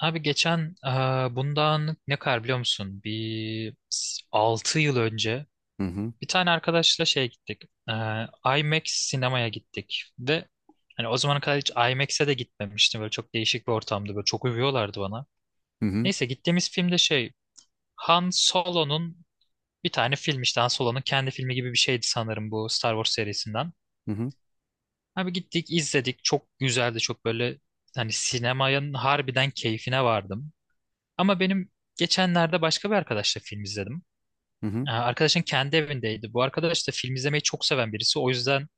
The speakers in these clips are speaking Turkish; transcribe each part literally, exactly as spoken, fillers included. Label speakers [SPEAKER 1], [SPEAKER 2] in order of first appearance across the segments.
[SPEAKER 1] Abi geçen e, bundan ne kadar biliyor musun? Bir altı yıl önce
[SPEAKER 2] Hı hı.
[SPEAKER 1] bir tane arkadaşla şeye gittik. E, IMAX sinemaya gittik. Ve hani o zamana kadar hiç I M A X'e de gitmemiştim. Böyle çok değişik bir ortamdı. Böyle çok övüyorlardı bana.
[SPEAKER 2] Hı hı.
[SPEAKER 1] Neyse gittiğimiz film de şey Han Solo'nun bir tane film, işte Han Solo'nun kendi filmi gibi bir şeydi sanırım, bu Star Wars serisinden.
[SPEAKER 2] Hı hı.
[SPEAKER 1] Abi gittik izledik. Çok güzeldi. Çok böyle hani sinemanın harbiden keyfine vardım. Ama benim geçenlerde başka bir arkadaşla film izledim.
[SPEAKER 2] Hı hı.
[SPEAKER 1] Ee, Arkadaşın kendi evindeydi. Bu arkadaş da film izlemeyi çok seven birisi. O yüzden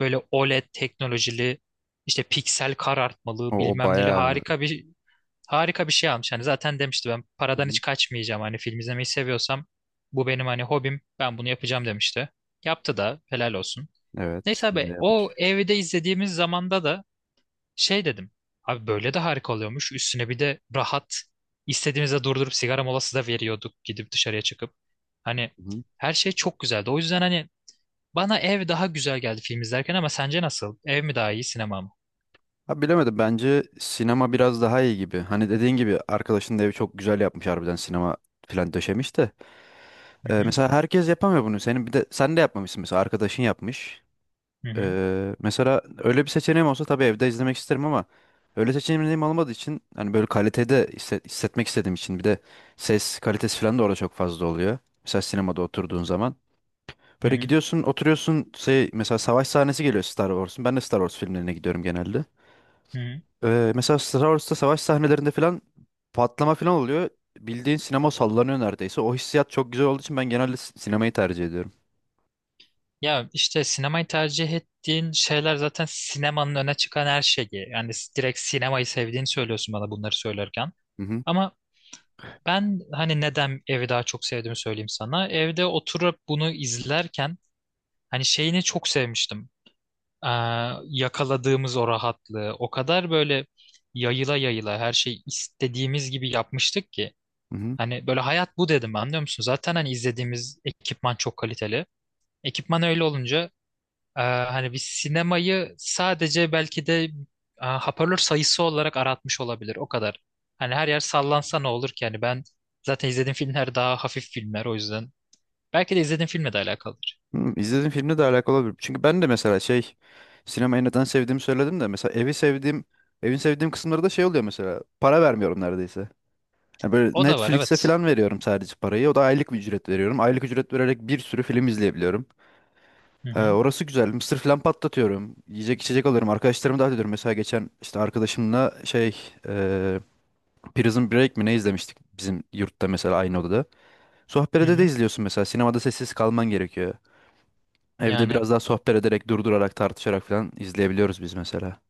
[SPEAKER 1] böyle oled teknolojili işte piksel karartmalı
[SPEAKER 2] O, o
[SPEAKER 1] bilmem neli
[SPEAKER 2] bayağı.
[SPEAKER 1] harika bir harika bir şey almış. Hani zaten demişti, ben
[SPEAKER 2] Hı
[SPEAKER 1] paradan
[SPEAKER 2] hı.
[SPEAKER 1] hiç kaçmayacağım. Hani film izlemeyi seviyorsam bu benim hani hobim. Ben bunu yapacağım demişti. Yaptı da helal olsun.
[SPEAKER 2] Evet,
[SPEAKER 1] Neyse
[SPEAKER 2] güzel
[SPEAKER 1] abi o
[SPEAKER 2] yapmış.
[SPEAKER 1] evde izlediğimiz zamanda da şey dedim. Abi böyle de harika oluyormuş. Üstüne bir de rahat. İstediğimizde durdurup sigara molası da veriyorduk gidip dışarıya çıkıp. Hani
[SPEAKER 2] Hı hı.
[SPEAKER 1] her şey çok güzeldi. O yüzden hani bana ev daha güzel geldi film izlerken, ama sence nasıl? Ev mi daha iyi sinema mı?
[SPEAKER 2] Ha, bilemedim, bence sinema biraz daha iyi gibi. Hani dediğin gibi arkadaşın da evi çok güzel yapmış, harbiden sinema falan döşemiş de.
[SPEAKER 1] Hı
[SPEAKER 2] Ee,
[SPEAKER 1] hı,
[SPEAKER 2] mesela herkes yapamıyor bunu. Senin bir de sen de yapmamışsın mesela, arkadaşın yapmış.
[SPEAKER 1] hı hı,
[SPEAKER 2] Ee, mesela öyle bir seçeneğim olsa tabii evde izlemek isterim, ama öyle seçeneğim olmadığı için hani böyle kalitede hisse- hissetmek istediğim için, bir de ses kalitesi falan da orada çok fazla oluyor. Mesela sinemada oturduğun zaman.
[SPEAKER 1] hı
[SPEAKER 2] Böyle
[SPEAKER 1] hı,
[SPEAKER 2] gidiyorsun, oturuyorsun, şey, mesela savaş sahnesi geliyor Star Wars'un. Ben de Star Wars filmlerine gidiyorum genelde.
[SPEAKER 1] hı hı.
[SPEAKER 2] Ee, mesela Star Wars'ta savaş sahnelerinde falan patlama falan oluyor. Bildiğin sinema sallanıyor neredeyse. O hissiyat çok güzel olduğu için ben genelde si- sinemayı tercih ediyorum.
[SPEAKER 1] Ya işte sinemayı tercih ettiğin şeyler zaten sinemanın öne çıkan her şeyi. Yani s- direkt sinemayı sevdiğini söylüyorsun bana bunları söylerken.
[SPEAKER 2] Hı hı.
[SPEAKER 1] Ama ben hani neden evi daha çok sevdiğimi söyleyeyim sana. Evde oturup bunu izlerken hani şeyini çok sevmiştim. Ee, yakaladığımız o rahatlığı. O kadar böyle yayıla yayıla her şey istediğimiz gibi yapmıştık ki.
[SPEAKER 2] Hı hı.
[SPEAKER 1] Hani böyle hayat bu dedim, anlıyor musun? Zaten hani izlediğimiz ekipman çok kaliteli. Ekipman öyle olunca e, hani biz sinemayı sadece belki de e, hoparlör sayısı olarak aratmış olabilir. O kadar. Hani her yer sallansa ne olur ki? Hani ben zaten izlediğim filmler daha hafif filmler o yüzden. Belki de izlediğim filmle de alakalıdır.
[SPEAKER 2] Hı, izlediğim filmle de alakalı olabilir. Çünkü ben de mesela şey, sinemayı neden sevdiğimi söyledim de, mesela evi sevdiğim, evin sevdiğim kısımları da şey oluyor: mesela para vermiyorum neredeyse. Yani böyle
[SPEAKER 1] O da var
[SPEAKER 2] Netflix'e
[SPEAKER 1] evet.
[SPEAKER 2] falan veriyorum sadece parayı. O da aylık bir ücret veriyorum. Aylık ücret vererek bir sürü film izleyebiliyorum.
[SPEAKER 1] Hı
[SPEAKER 2] Ee,
[SPEAKER 1] hı.
[SPEAKER 2] orası güzel. Mısır falan patlatıyorum. Yiyecek içecek alıyorum. Arkadaşlarımı davet ediyorum. Mesela geçen işte arkadaşımla şey, e, Prison Break mi ne izlemiştik bizim yurtta, mesela aynı odada.
[SPEAKER 1] Hı
[SPEAKER 2] Sohbetede de
[SPEAKER 1] hı.
[SPEAKER 2] izliyorsun mesela. Sinemada sessiz kalman gerekiyor. Evde
[SPEAKER 1] Yani
[SPEAKER 2] biraz daha sohbet ederek, durdurarak, tartışarak falan izleyebiliyoruz biz mesela.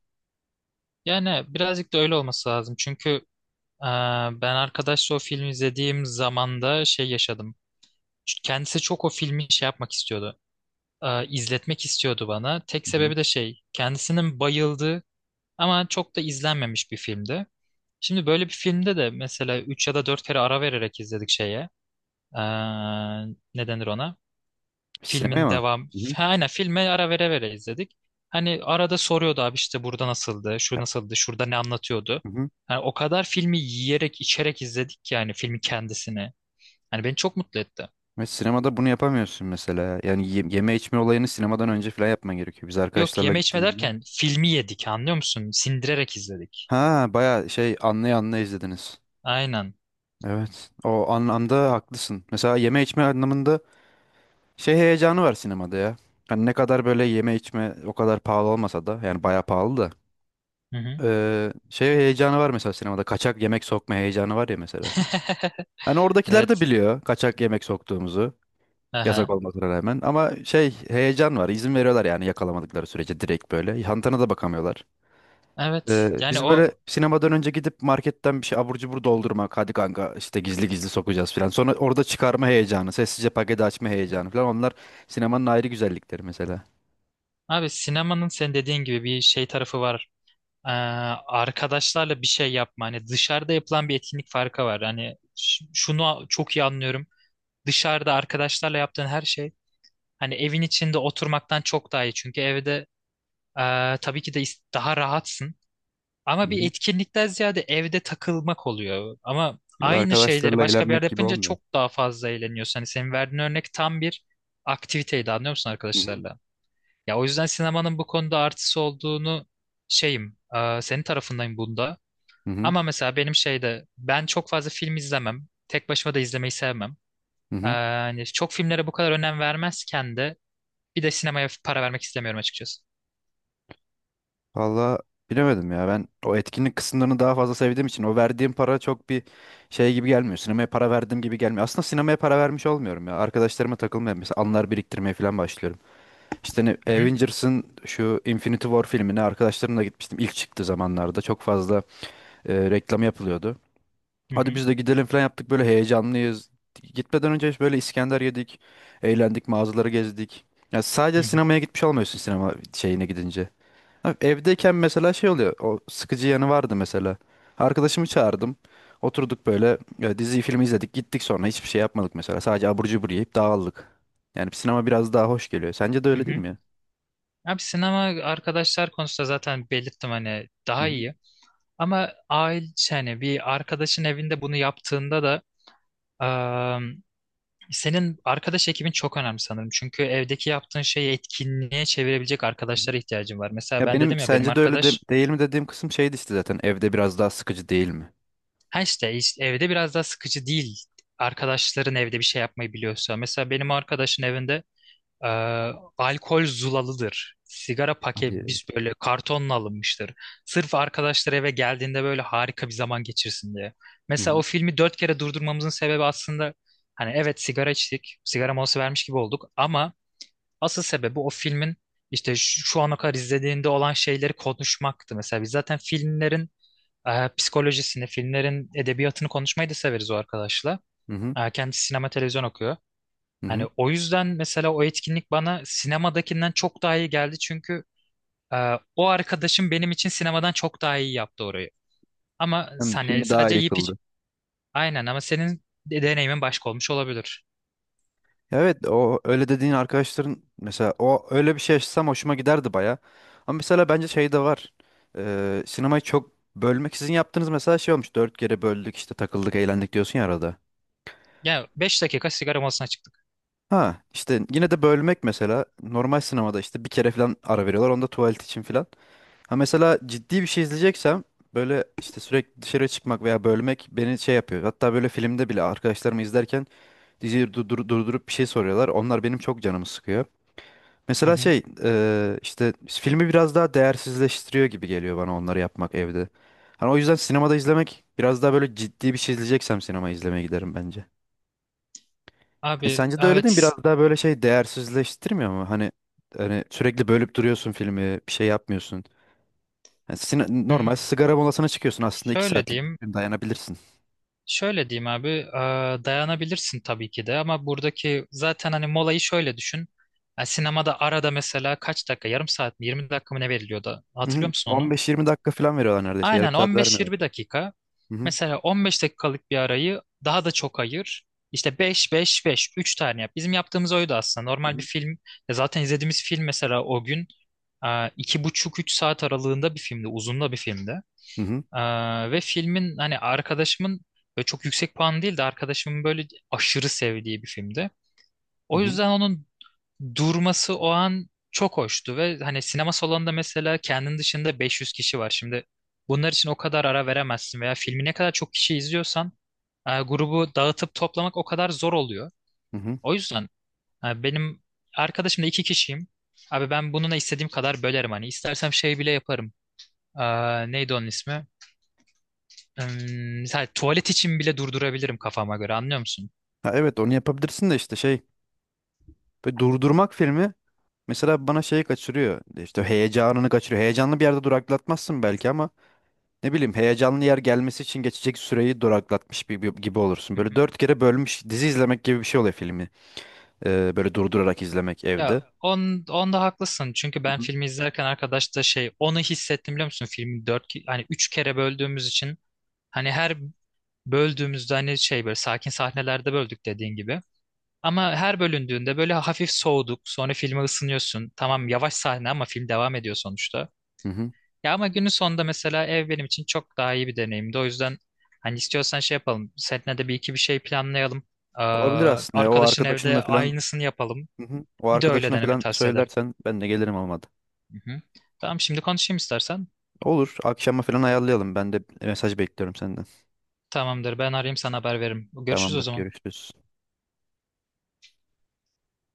[SPEAKER 1] yani birazcık da öyle olması lazım. Çünkü e, ben arkadaşla o filmi izlediğim zamanda şey yaşadım. Çünkü kendisi çok o filmi şey yapmak istiyordu. E, izletmek istiyordu bana. Tek
[SPEAKER 2] Hı-hı.
[SPEAKER 1] sebebi de şey, kendisinin bayıldığı ama çok da izlenmemiş bir filmdi. Şimdi böyle bir filmde de mesela üç ya da dört kere ara vererek izledik şeye. E, ne denir ona?
[SPEAKER 2] Sinemaya
[SPEAKER 1] Filmin
[SPEAKER 2] mı?
[SPEAKER 1] devam.
[SPEAKER 2] Hı-hı.
[SPEAKER 1] Ha, aynen filme ara vere vere izledik. Hani arada soruyordu, abi işte burada nasıldı, şu nasıldı, şurada ne anlatıyordu.
[SPEAKER 2] Hı-hı.
[SPEAKER 1] Hani o kadar filmi yiyerek içerek izledik ki yani filmi kendisini. Hani beni çok mutlu etti.
[SPEAKER 2] Ve sinemada bunu yapamıyorsun mesela. Yani ye- yeme içme olayını sinemadan önce falan yapman gerekiyor, biz
[SPEAKER 1] Yok,
[SPEAKER 2] arkadaşlarla
[SPEAKER 1] yeme içme
[SPEAKER 2] gittiğimizde.
[SPEAKER 1] derken filmi yedik, anlıyor musun? Sindirerek izledik.
[SPEAKER 2] Ha, bayağı şey, anlaya anlaya izlediniz.
[SPEAKER 1] Aynen.
[SPEAKER 2] Evet. O anlamda haklısın. Mesela yeme içme anlamında şey heyecanı var sinemada ya. Hani ne kadar böyle yeme içme o kadar pahalı olmasa da, yani bayağı pahalı da,
[SPEAKER 1] Hı hı.
[SPEAKER 2] eee, şey heyecanı var mesela sinemada. Kaçak yemek sokma heyecanı var ya mesela. Hani oradakiler de
[SPEAKER 1] Evet.
[SPEAKER 2] biliyor kaçak yemek soktuğumuzu. Yasak
[SPEAKER 1] Aha.
[SPEAKER 2] olmasına rağmen ama şey, heyecan var. İzin veriyorlar yani, yakalamadıkları sürece direkt böyle. Hantana da bakamıyorlar.
[SPEAKER 1] Evet.
[SPEAKER 2] Ee,
[SPEAKER 1] Yani
[SPEAKER 2] biz böyle
[SPEAKER 1] o,
[SPEAKER 2] sinemadan önce gidip marketten bir şey abur cubur doldurmak. Hadi kanka, işte gizli gizli sokacağız falan. Sonra orada çıkarma heyecanı, sessizce paketi açma heyecanı falan. Onlar sinemanın ayrı güzellikleri mesela.
[SPEAKER 1] abi sinemanın sen dediğin gibi bir şey tarafı var. e, arkadaşlarla bir şey yapma. Hani dışarıda yapılan bir etkinlik farkı var. Hani ş- şunu çok iyi anlıyorum. Dışarıda arkadaşlarla yaptığın her şey hani evin içinde oturmaktan çok daha iyi. Çünkü evde e, tabii ki de is- daha rahatsın.
[SPEAKER 2] Hı
[SPEAKER 1] Ama bir
[SPEAKER 2] hı.
[SPEAKER 1] etkinlikten ziyade evde takılmak oluyor. Ama
[SPEAKER 2] Ya da
[SPEAKER 1] aynı şeyleri
[SPEAKER 2] arkadaşlarla
[SPEAKER 1] başka bir yerde
[SPEAKER 2] eğlenmek gibi
[SPEAKER 1] yapınca
[SPEAKER 2] olmuyor.
[SPEAKER 1] çok daha fazla eğleniyorsun. Hani senin verdiğin örnek tam bir aktiviteydi, anlıyor musun
[SPEAKER 2] Hı hı.
[SPEAKER 1] arkadaşlarla? Ya o yüzden sinemanın bu konuda artısı olduğunu şeyim, e, senin tarafındayım bunda.
[SPEAKER 2] Hı hı.
[SPEAKER 1] Ama mesela benim şeyde ben çok fazla film izlemem. Tek başıma da izlemeyi sevmem.
[SPEAKER 2] Hı
[SPEAKER 1] Ee,
[SPEAKER 2] hı.
[SPEAKER 1] hani çok filmlere bu kadar önem vermezken de bir de sinemaya para vermek istemiyorum açıkçası.
[SPEAKER 2] Valla, bilemedim ya, ben o etkinlik kısımlarını daha fazla sevdiğim için o verdiğim para çok bir şey gibi gelmiyor. Sinemaya para verdiğim gibi gelmiyor. Aslında sinemaya para vermiş olmuyorum ya. Arkadaşlarıma takılmaya, mesela anılar biriktirmeye falan başlıyorum. İşte ne,
[SPEAKER 1] Hı hı,
[SPEAKER 2] Avengers'ın şu Infinity War filmine arkadaşlarımla gitmiştim. İlk çıktığı zamanlarda çok fazla e, reklam yapılıyordu.
[SPEAKER 1] hı
[SPEAKER 2] Hadi
[SPEAKER 1] hı,
[SPEAKER 2] biz de gidelim falan yaptık, böyle heyecanlıyız. Gitmeden önce işte böyle İskender yedik, eğlendik, mağazaları gezdik. Ya sadece
[SPEAKER 1] hı hı,
[SPEAKER 2] sinemaya gitmiş olmuyorsun sinema şeyine gidince. Ha, evdeyken mesela şey oluyor. O sıkıcı yanı vardı mesela. Arkadaşımı çağırdım. Oturduk böyle, e, diziyi filmi izledik. Gittik sonra hiçbir şey yapmadık mesela. Sadece abur cubur yiyip dağıldık. Yani sinema biraz daha hoş geliyor. Sence de
[SPEAKER 1] hı
[SPEAKER 2] öyle değil
[SPEAKER 1] hı.
[SPEAKER 2] mi
[SPEAKER 1] Abi sinema arkadaşlar konusunda zaten belirttim hani
[SPEAKER 2] ya?
[SPEAKER 1] daha iyi. Ama aile şey hani bir arkadaşın evinde bunu yaptığında da eee, senin arkadaş ekibin çok önemli sanırım. Çünkü evdeki yaptığın şeyi etkinliğe çevirebilecek
[SPEAKER 2] Hı hı.
[SPEAKER 1] arkadaşlara ihtiyacın var. Mesela
[SPEAKER 2] Ya
[SPEAKER 1] ben
[SPEAKER 2] benim
[SPEAKER 1] dedim ya benim
[SPEAKER 2] sence de öyle de-
[SPEAKER 1] arkadaş.
[SPEAKER 2] değil mi dediğim kısım şeydi işte, zaten evde biraz daha sıkıcı değil mi?
[SPEAKER 1] Ha, işte, işte evde biraz daha sıkıcı değil. Arkadaşların evde bir şey yapmayı biliyorsa. Mesela benim arkadaşın evinde e, alkol zulalıdır. Sigara paket
[SPEAKER 2] Hadi.
[SPEAKER 1] biz böyle kartonla alınmıştır. Sırf arkadaşlar eve geldiğinde böyle harika bir zaman geçirsin diye.
[SPEAKER 2] Hı
[SPEAKER 1] Mesela o
[SPEAKER 2] hı.
[SPEAKER 1] filmi dört kere durdurmamızın sebebi aslında, hani evet, sigara içtik, sigara molası vermiş gibi olduk, ama asıl sebebi o filmin işte şu, şu ana kadar izlediğinde olan şeyleri konuşmaktı. Mesela biz zaten filmlerin ee, psikolojisini, filmlerin edebiyatını konuşmayı da severiz o arkadaşla.
[SPEAKER 2] Hı hı.
[SPEAKER 1] Ee, kendisi sinema televizyon okuyor.
[SPEAKER 2] Hı
[SPEAKER 1] Hani
[SPEAKER 2] hı.
[SPEAKER 1] o yüzden mesela o etkinlik bana sinemadakinden çok daha iyi geldi çünkü e, o arkadaşım benim için sinemadan çok daha iyi yaptı orayı. Ama
[SPEAKER 2] Hem
[SPEAKER 1] hani
[SPEAKER 2] filmi daha
[SPEAKER 1] sadece
[SPEAKER 2] iyi
[SPEAKER 1] yiyip
[SPEAKER 2] kıldı.
[SPEAKER 1] içip aynen, ama senin de- deneyimin başka olmuş olabilir.
[SPEAKER 2] Ya evet, o öyle dediğin arkadaşların mesela, o öyle bir şey yaşasam hoşuma giderdi baya. Ama mesela bence şey de var. Ee, sinemayı çok bölmek, sizin yaptığınız mesela şey olmuş. Dört kere böldük, işte takıldık, eğlendik diyorsun ya arada.
[SPEAKER 1] Ya beş dakika sigara molasına çıktık.
[SPEAKER 2] Ha işte, yine de bölmek mesela, normal sinemada işte bir kere falan ara veriyorlar onda, tuvalet için falan. Ha mesela ciddi bir şey izleyeceksem, böyle işte sürekli dışarı çıkmak veya bölmek beni şey yapıyor. Hatta böyle filmde bile arkadaşlarımı izlerken diziyi durdur- durdurup bir şey soruyorlar. Onlar benim çok canımı sıkıyor.
[SPEAKER 1] Hı
[SPEAKER 2] Mesela
[SPEAKER 1] hı.
[SPEAKER 2] şey, eee, işte filmi biraz daha değersizleştiriyor gibi geliyor bana, onları yapmak evde. Hani o yüzden sinemada izlemek biraz daha böyle, ciddi bir şey izleyeceksem sinema izlemeye giderim bence. E,
[SPEAKER 1] Abi
[SPEAKER 2] sence de öyle değil mi?
[SPEAKER 1] evet.
[SPEAKER 2] Biraz daha böyle şey değersizleştirmiyor mu? Hani hani sürekli bölüp duruyorsun filmi, bir şey yapmıyorsun. Yani sine- normal
[SPEAKER 1] hmm,
[SPEAKER 2] sigara molasına çıkıyorsun, aslında iki
[SPEAKER 1] Şöyle
[SPEAKER 2] saatlik bir
[SPEAKER 1] diyeyim.
[SPEAKER 2] film, dayanabilirsin.
[SPEAKER 1] Şöyle diyeyim abi, eee, dayanabilirsin tabii ki de, ama buradaki zaten hani molayı şöyle düşün. Yani sinemada arada mesela kaç dakika, yarım saat mi, yirmi dakika mı ne veriliyordu?
[SPEAKER 2] Hı
[SPEAKER 1] Hatırlıyor
[SPEAKER 2] hı.
[SPEAKER 1] musun onu?
[SPEAKER 2] on beş yirmi dakika falan veriyorlar neredeyse. Yarım
[SPEAKER 1] Aynen
[SPEAKER 2] saat vermiyorlar.
[SPEAKER 1] on beş yirmi dakika.
[SPEAKER 2] Hı hı.
[SPEAKER 1] Mesela on beş dakikalık bir arayı daha da çok ayır. İşte beş beş-beş, üç tane yap. Bizim yaptığımız oydu aslında.
[SPEAKER 2] Hı
[SPEAKER 1] Normal bir
[SPEAKER 2] hı.
[SPEAKER 1] film, ya zaten izlediğimiz film mesela o gün eee, iki buçuk üç saat aralığında bir filmdi, uzun da bir filmdi.
[SPEAKER 2] Hı hı.
[SPEAKER 1] Ee, ve filmin hani arkadaşımın böyle çok yüksek puan değil de arkadaşımın böyle aşırı sevdiği bir filmdi.
[SPEAKER 2] Hı
[SPEAKER 1] O
[SPEAKER 2] hı.
[SPEAKER 1] yüzden onun durması o an çok hoştu ve hani sinema salonunda mesela kendin dışında beş yüz kişi var. Şimdi bunlar için o kadar ara veremezsin veya filmi ne kadar çok kişi izliyorsan e, grubu dağıtıp toplamak o kadar zor oluyor.
[SPEAKER 2] Hı hı.
[SPEAKER 1] O yüzden e, benim arkadaşımla iki kişiyim. Abi ben bununla istediğim kadar bölerim, hani istersem şey bile yaparım. Ee, neydi onun ismi? Im, Mesela tuvalet için bile durdurabilirim kafama göre, anlıyor musun?
[SPEAKER 2] Ha, evet, onu yapabilirsin de işte şey, böyle durdurmak filmi mesela bana şeyi kaçırıyor. İşte heyecanını kaçırıyor. Heyecanlı bir yerde duraklatmazsın belki ama, ne bileyim, heyecanlı yer gelmesi için geçecek süreyi duraklatmış bir- bir- gibi olursun.
[SPEAKER 1] Hı hı.
[SPEAKER 2] Böyle dört kere bölmüş dizi izlemek gibi bir şey oluyor filmi. Ee, böyle durdurarak izlemek
[SPEAKER 1] Ya
[SPEAKER 2] evde.
[SPEAKER 1] on, onda haklısın çünkü
[SPEAKER 2] Hı
[SPEAKER 1] ben
[SPEAKER 2] hı.
[SPEAKER 1] filmi izlerken arkadaş da şey, onu hissettim, biliyor musun? Filmi dört ki- hani üç kere böldüğümüz için hani her böldüğümüzde hani şey böyle sakin sahnelerde böldük dediğin gibi. Ama her bölündüğünde böyle hafif soğuduk, sonra filme ısınıyorsun. Tamam yavaş sahne ama film devam ediyor sonuçta.
[SPEAKER 2] Hı hı.
[SPEAKER 1] Ya ama günün sonunda mesela ev benim için çok daha iyi bir deneyimdi. O yüzden hani istiyorsan şey yapalım. Seninle de bir iki bir şey planlayalım. Ee,
[SPEAKER 2] Olabilir aslında ya, o
[SPEAKER 1] arkadaşın
[SPEAKER 2] arkadaşınla
[SPEAKER 1] evde
[SPEAKER 2] falan.
[SPEAKER 1] aynısını yapalım.
[SPEAKER 2] Hı hı. O
[SPEAKER 1] Bir de öyle
[SPEAKER 2] arkadaşına
[SPEAKER 1] deneme
[SPEAKER 2] falan
[SPEAKER 1] tavsiye ederim.
[SPEAKER 2] söylersen ben de gelirim, olmadı.
[SPEAKER 1] Hı hı. Tamam şimdi konuşayım istersen.
[SPEAKER 2] Olur, akşama falan ayarlayalım. Ben de mesaj bekliyorum senden.
[SPEAKER 1] Tamamdır, ben arayayım sana haber veririm. Görüşürüz o
[SPEAKER 2] Tamamdır,
[SPEAKER 1] zaman.
[SPEAKER 2] görüşürüz.